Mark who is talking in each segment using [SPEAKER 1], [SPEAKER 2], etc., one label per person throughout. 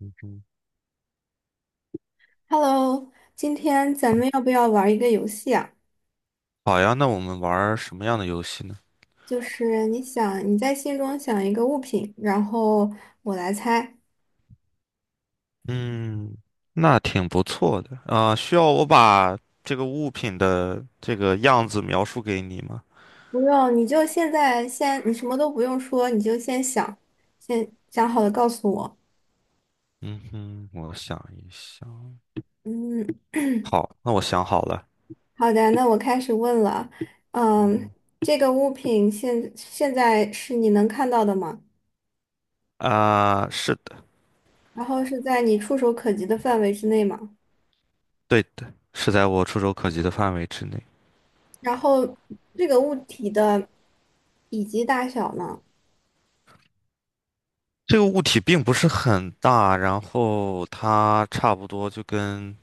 [SPEAKER 1] 嗯哼，
[SPEAKER 2] Hello，今天咱们要不要玩一个游戏啊？
[SPEAKER 1] 好呀，那我们玩儿什么样的游戏呢？
[SPEAKER 2] 就是你想你在心中想一个物品，然后我来猜。
[SPEAKER 1] 嗯，那挺不错的啊，需要我把这个物品的这个样子描述给你吗？
[SPEAKER 2] 不用，你就现在先，你什么都不用说，你就先想，先想好了告诉我。
[SPEAKER 1] 嗯哼，我想一想。
[SPEAKER 2] 嗯，
[SPEAKER 1] 好，那我想好了。
[SPEAKER 2] 好的，那我开始问了。嗯，
[SPEAKER 1] 嗯
[SPEAKER 2] 这个物品现在是你能看到的吗？
[SPEAKER 1] 哼，啊，是的，
[SPEAKER 2] 然后是在你触手可及的范围之内吗？
[SPEAKER 1] 对的，是在我触手可及的范围之内。
[SPEAKER 2] 然后这个物体的体积大小呢？
[SPEAKER 1] 这个物体并不是很大，然后它差不多就跟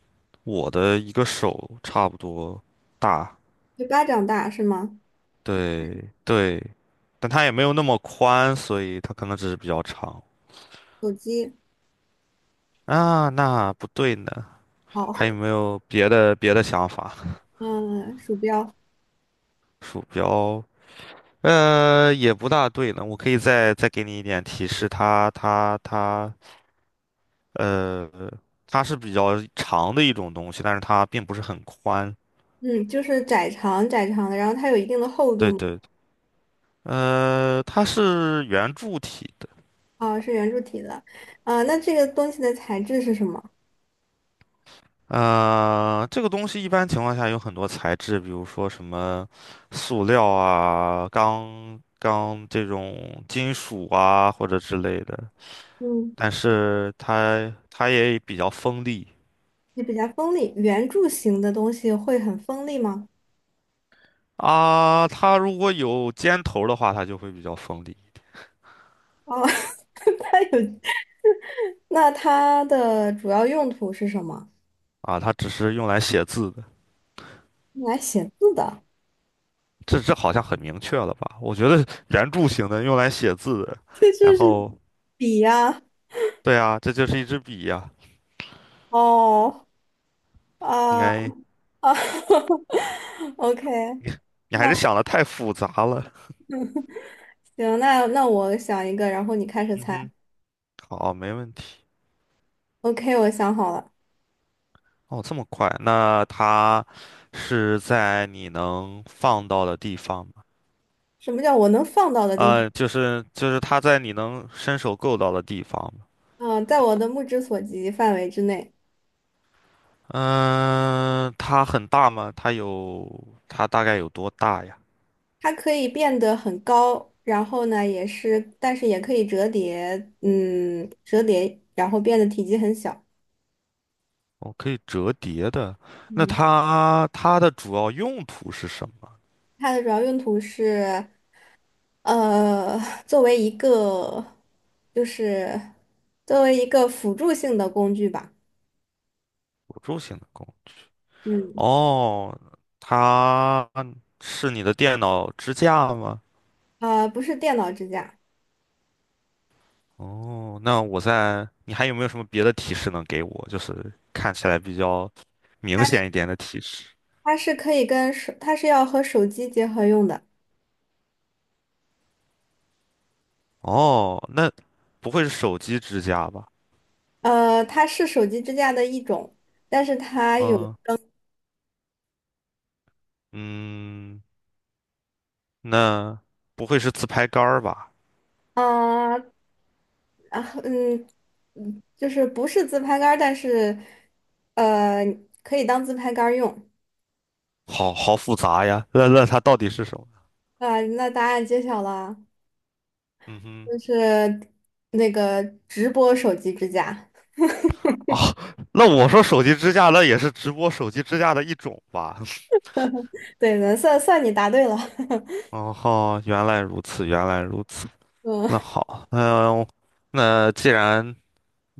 [SPEAKER 1] 我的一个手差不多大，
[SPEAKER 2] 就巴掌大是吗？
[SPEAKER 1] 对对，但它也没有那么宽，所以它可能只是比较长
[SPEAKER 2] 手机，
[SPEAKER 1] 啊。那不对呢，
[SPEAKER 2] 好，
[SPEAKER 1] 还有没 有别的想法？
[SPEAKER 2] 嗯，鼠标，
[SPEAKER 1] 鼠标，也不大对呢。我可以再给你一点提示，呃，它是比较长的一种东西，但是它并不是很宽。
[SPEAKER 2] 嗯，就是窄长窄长的，然后它有一定的厚度
[SPEAKER 1] 对
[SPEAKER 2] 嘛。
[SPEAKER 1] 对，它是圆柱体的。
[SPEAKER 2] 啊，是圆柱体的，啊，那这个东西的材质是什么？
[SPEAKER 1] 这个东西一般情况下有很多材质，比如说什么塑料啊、钢这种金属啊或者之类的，
[SPEAKER 2] 嗯，
[SPEAKER 1] 但是它也比较锋利
[SPEAKER 2] 也比较锋利，圆柱形的东西会很锋利吗？
[SPEAKER 1] 啊。它如果有尖头的话，它就会比较锋利
[SPEAKER 2] 哦，它有，那它的主要用途是什么？
[SPEAKER 1] 啊。它只是用来写字的，
[SPEAKER 2] 用来写字的，
[SPEAKER 1] 这好像很明确了吧？我觉得圆柱形的用来写字的，
[SPEAKER 2] 这
[SPEAKER 1] 然
[SPEAKER 2] 就是
[SPEAKER 1] 后
[SPEAKER 2] 笔呀、
[SPEAKER 1] 对啊，这就是一支笔呀、
[SPEAKER 2] 哦，
[SPEAKER 1] 应
[SPEAKER 2] 啊
[SPEAKER 1] 该
[SPEAKER 2] 啊 ，OK，
[SPEAKER 1] 你还
[SPEAKER 2] 那
[SPEAKER 1] 是想的太复杂了，
[SPEAKER 2] 行，那我想一个，然后你开始
[SPEAKER 1] 嗯
[SPEAKER 2] 猜。
[SPEAKER 1] 哼。好，没问题。
[SPEAKER 2] OK，我想好了，
[SPEAKER 1] 哦，这么快？那它是在你能放到的地方吗？
[SPEAKER 2] 什么叫我能放到的地方？
[SPEAKER 1] 就是它在你能伸手够到的地方吗？
[SPEAKER 2] 嗯，在我的目之所及范围之内。
[SPEAKER 1] 嗯、它很大吗？它大概有多大呀？
[SPEAKER 2] 它可以变得很高，然后呢，也是，但是也可以折叠，嗯，折叠，然后变得体积很小。
[SPEAKER 1] 哦，可以折叠的。那
[SPEAKER 2] 嗯，
[SPEAKER 1] 它的主要用途是什么？
[SPEAKER 2] 它的主要用途是，呃，作为一个，就是作为一个辅助性的工具吧。
[SPEAKER 1] 辅助性的功能。
[SPEAKER 2] 嗯，
[SPEAKER 1] 哦，它是你的电脑支架吗？
[SPEAKER 2] 呃，不是电脑支架，
[SPEAKER 1] 哦，那我在，你还有没有什么别的提示能给我？就是看起来比较明显
[SPEAKER 2] 它
[SPEAKER 1] 一点的提示。
[SPEAKER 2] 它是可以跟手，它是要和手机结合用的。
[SPEAKER 1] 哦，那不会是手机支架吧？
[SPEAKER 2] 呃，它是手机支架的一种，但是它有
[SPEAKER 1] 嗯嗯，那不会是自拍杆儿吧？
[SPEAKER 2] 啊啊嗯嗯，就是不是自拍杆儿但是呃可以当自拍杆儿用。
[SPEAKER 1] 好好复杂呀，那它到底是什么？
[SPEAKER 2] 啊，那答案揭晓了，
[SPEAKER 1] 嗯哼，
[SPEAKER 2] 就是那个直播手机支架。
[SPEAKER 1] 哦，那我说手机支架，那也是直播手机支架的一种吧？
[SPEAKER 2] 对的，算你答对了。
[SPEAKER 1] 哦，原来如此，原来如此。
[SPEAKER 2] 嗯，
[SPEAKER 1] 那好，那既然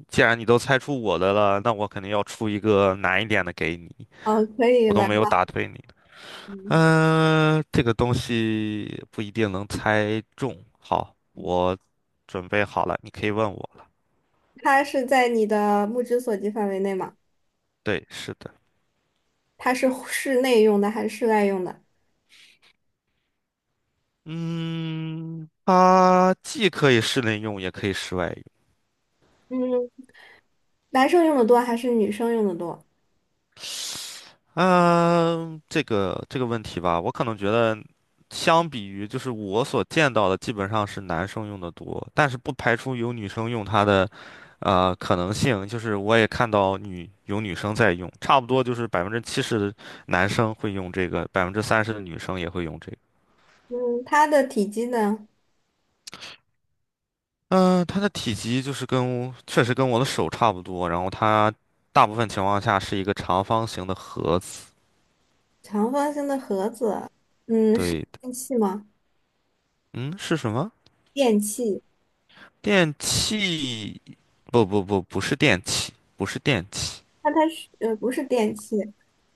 [SPEAKER 1] 既然你都猜出我的了，那我肯定要出一个难一点的给你。
[SPEAKER 2] 哦，可以
[SPEAKER 1] 我都
[SPEAKER 2] 来
[SPEAKER 1] 没有
[SPEAKER 2] 吧。
[SPEAKER 1] 打退你。这个东西不一定能猜中。好，我准备好了，你可以问我了。
[SPEAKER 2] 它是在你的目之所及范围内吗？
[SPEAKER 1] 对，是的。
[SPEAKER 2] 它是室内用的还是室外用的？
[SPEAKER 1] 嗯，它既可以室内用，也可以室外用。
[SPEAKER 2] 嗯，男生用的多还是女生用的多？
[SPEAKER 1] 嗯，这个问题吧，我可能觉得，相比于就是我所见到的，基本上是男生用的多，但是不排除有女生用它的，可能性。就是我也看到女生在用，差不多就是70%的男生会用这个，30%的女生也会用这个。
[SPEAKER 2] 嗯，它的体积呢，
[SPEAKER 1] 嗯，它的体积就是跟确实跟我的手差不多，然后它大部分情况下是一个长方形的盒子。
[SPEAKER 2] 长方形的盒子，嗯，是
[SPEAKER 1] 对的，
[SPEAKER 2] 电器吗？
[SPEAKER 1] 嗯，是什么？
[SPEAKER 2] 电器，
[SPEAKER 1] 电器，不不不，不是电器，不是电器。
[SPEAKER 2] 那它是不是电器，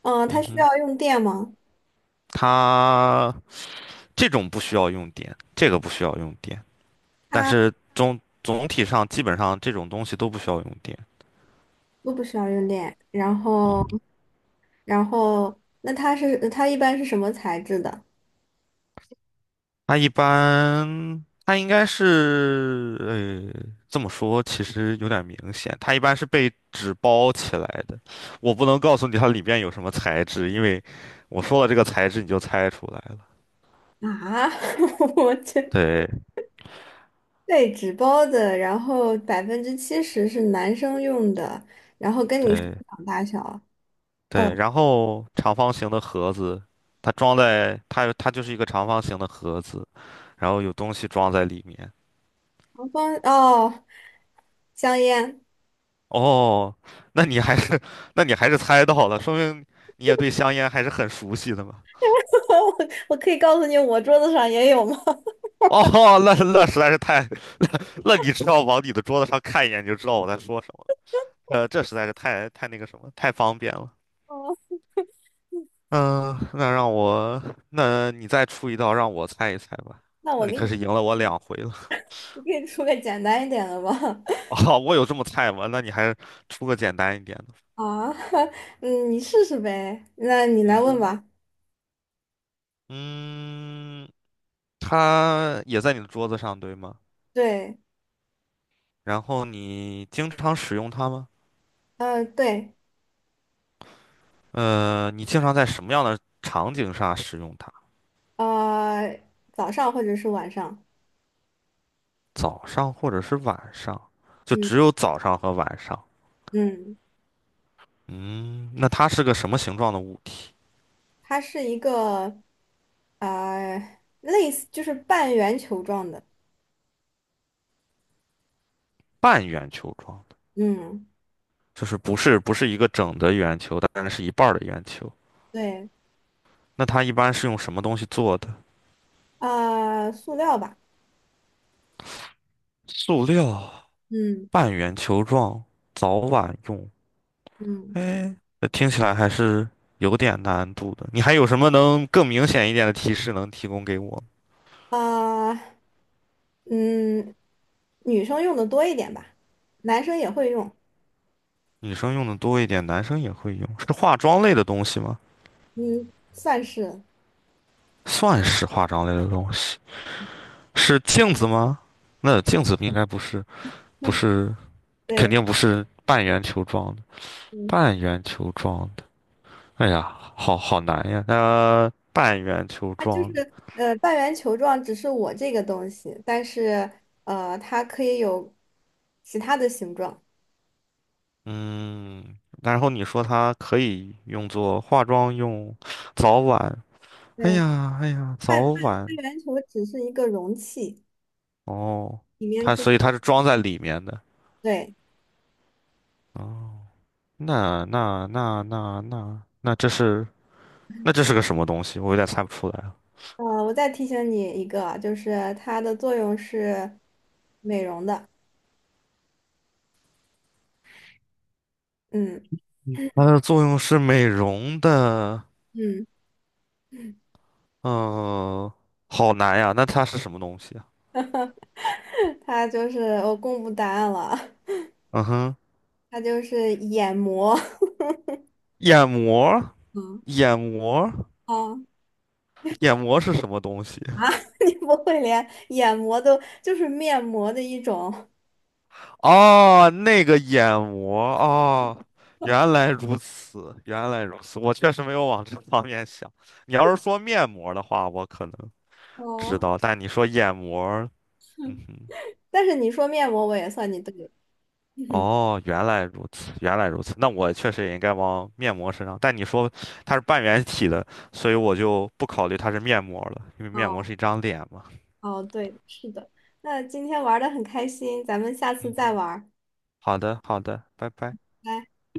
[SPEAKER 2] 嗯、它
[SPEAKER 1] 嗯
[SPEAKER 2] 需
[SPEAKER 1] 哼，
[SPEAKER 2] 要用电吗？
[SPEAKER 1] 它这种不需要用电，这个不需要用电，但是
[SPEAKER 2] 它
[SPEAKER 1] 总体上基本上这种东西都不需要用电。
[SPEAKER 2] 都不需要用电。然
[SPEAKER 1] 啊。
[SPEAKER 2] 后，然后，那它是它一般是什么材质的
[SPEAKER 1] 它一般，它应该是，这么说其实有点明显，它一般是被纸包起来的。我不能告诉你它里边有什么材质，因为我说了这个材质你就猜出来了。
[SPEAKER 2] 啊？我这
[SPEAKER 1] 对
[SPEAKER 2] 被纸包的，然后70%是男生用的，然后跟你手
[SPEAKER 1] 对，
[SPEAKER 2] 掌大小，
[SPEAKER 1] 对，然后长方形的盒子，它装在它就是一个长方形的盒子，然后有东西装在里面。
[SPEAKER 2] 长方哦，香烟。
[SPEAKER 1] 哦，那你还是 那你还是猜到了，说明你也对香烟还是很熟悉的嘛。
[SPEAKER 2] 我我可以告诉你，我桌子上也有吗？
[SPEAKER 1] 哦，那实在是太，那你只要往你的桌子上看一眼，你就知道我在说什么了。这实在是太那个什么，太方便了。
[SPEAKER 2] 哦，
[SPEAKER 1] 嗯，那让我，那你再出一道让我猜一猜吧。
[SPEAKER 2] 那
[SPEAKER 1] 那
[SPEAKER 2] 我
[SPEAKER 1] 你
[SPEAKER 2] 给
[SPEAKER 1] 可
[SPEAKER 2] 你，
[SPEAKER 1] 是赢了我两回了。
[SPEAKER 2] 我给你出个简单一点的吧。
[SPEAKER 1] 哦，我有这么菜吗？那你还出个简单一点的。
[SPEAKER 2] 啊，嗯，你试试呗。那你来
[SPEAKER 1] 嗯
[SPEAKER 2] 问
[SPEAKER 1] 哼，
[SPEAKER 2] 吧。
[SPEAKER 1] 嗯，它也在你的桌子上，对吗？
[SPEAKER 2] 对，
[SPEAKER 1] 然后你经常使用它吗？
[SPEAKER 2] 嗯，对，
[SPEAKER 1] 你经常在什么样的场景下使用它？
[SPEAKER 2] 呃，早上或者是晚上。
[SPEAKER 1] 早上或者是晚上？就
[SPEAKER 2] 嗯
[SPEAKER 1] 只有早上和晚上。
[SPEAKER 2] 嗯，
[SPEAKER 1] 嗯，那它是个什么形状的物体？
[SPEAKER 2] 它是一个，类似就是半圆球状的。
[SPEAKER 1] 半圆球状的，
[SPEAKER 2] 嗯，
[SPEAKER 1] 就是不是一个整的圆球，但是是一半儿的圆球。
[SPEAKER 2] 对，
[SPEAKER 1] 那它一般是用什么东西做的？
[SPEAKER 2] 啊、塑料吧。
[SPEAKER 1] 塑料、
[SPEAKER 2] 嗯
[SPEAKER 1] 半圆球状，早晚用。
[SPEAKER 2] 嗯，
[SPEAKER 1] 哎，这听起来还是有点难度的。你还有什么能更明显一点的提示能提供给我？
[SPEAKER 2] 啊、嗯，女生用的多一点吧，男生也会用，
[SPEAKER 1] 女生用的多一点，男生也会用，是化妆类的东西吗？
[SPEAKER 2] 嗯，算是，
[SPEAKER 1] 算是化妆类的东西，是镜子吗？那镜子应该不是，不 是，肯
[SPEAKER 2] 对，
[SPEAKER 1] 定不是半圆球状的。
[SPEAKER 2] 嗯，
[SPEAKER 1] 半圆球状的，哎呀，好好难呀。那、半圆球
[SPEAKER 2] 它就是
[SPEAKER 1] 状的。
[SPEAKER 2] 半圆球状，只是我这个东西，但是它可以有其他的形状。
[SPEAKER 1] 嗯，然后你说它可以用作化妆用，早晚，哎
[SPEAKER 2] 对，
[SPEAKER 1] 呀，哎呀，早
[SPEAKER 2] 半半
[SPEAKER 1] 晚，
[SPEAKER 2] 半圆球只是一个容器，
[SPEAKER 1] 哦，
[SPEAKER 2] 里面装，
[SPEAKER 1] 所以它是装在里面的，
[SPEAKER 2] 对，
[SPEAKER 1] 哦，那那那那那那这是那这是个什么东西？我有点猜不出来了。
[SPEAKER 2] 我再提醒你一个，就是它的作用是美容的。嗯
[SPEAKER 1] 它的作用是美容的，
[SPEAKER 2] 嗯，
[SPEAKER 1] 嗯，好难呀，那它是什么东西啊？
[SPEAKER 2] 它就是我公布答案了。
[SPEAKER 1] 嗯哼，
[SPEAKER 2] 它就是眼膜
[SPEAKER 1] 眼膜，
[SPEAKER 2] 嗯，
[SPEAKER 1] 眼膜，
[SPEAKER 2] 哦
[SPEAKER 1] 眼膜是什么东西？
[SPEAKER 2] 啊，你不会连眼膜都就是面膜的一种，
[SPEAKER 1] 哦，那个眼膜，哦，原来如此，原来如此，我确实没有往这方面想。你要是说面膜的话，我可能
[SPEAKER 2] 哦，
[SPEAKER 1] 知道，但你说眼膜儿嗯哼，
[SPEAKER 2] 但是你说面膜我也算你对了。
[SPEAKER 1] 哦，原来如此，原来如此，那我确实也应该往面膜身上。但你说它是半圆体的，所以我就不考虑它是面膜了，因为面膜
[SPEAKER 2] 哦，
[SPEAKER 1] 是一张脸嘛。
[SPEAKER 2] 哦，对，是的。那今天玩的很开心，咱们下次再
[SPEAKER 1] 嗯，
[SPEAKER 2] 玩儿。
[SPEAKER 1] 好的，好的，拜拜。
[SPEAKER 2] 拜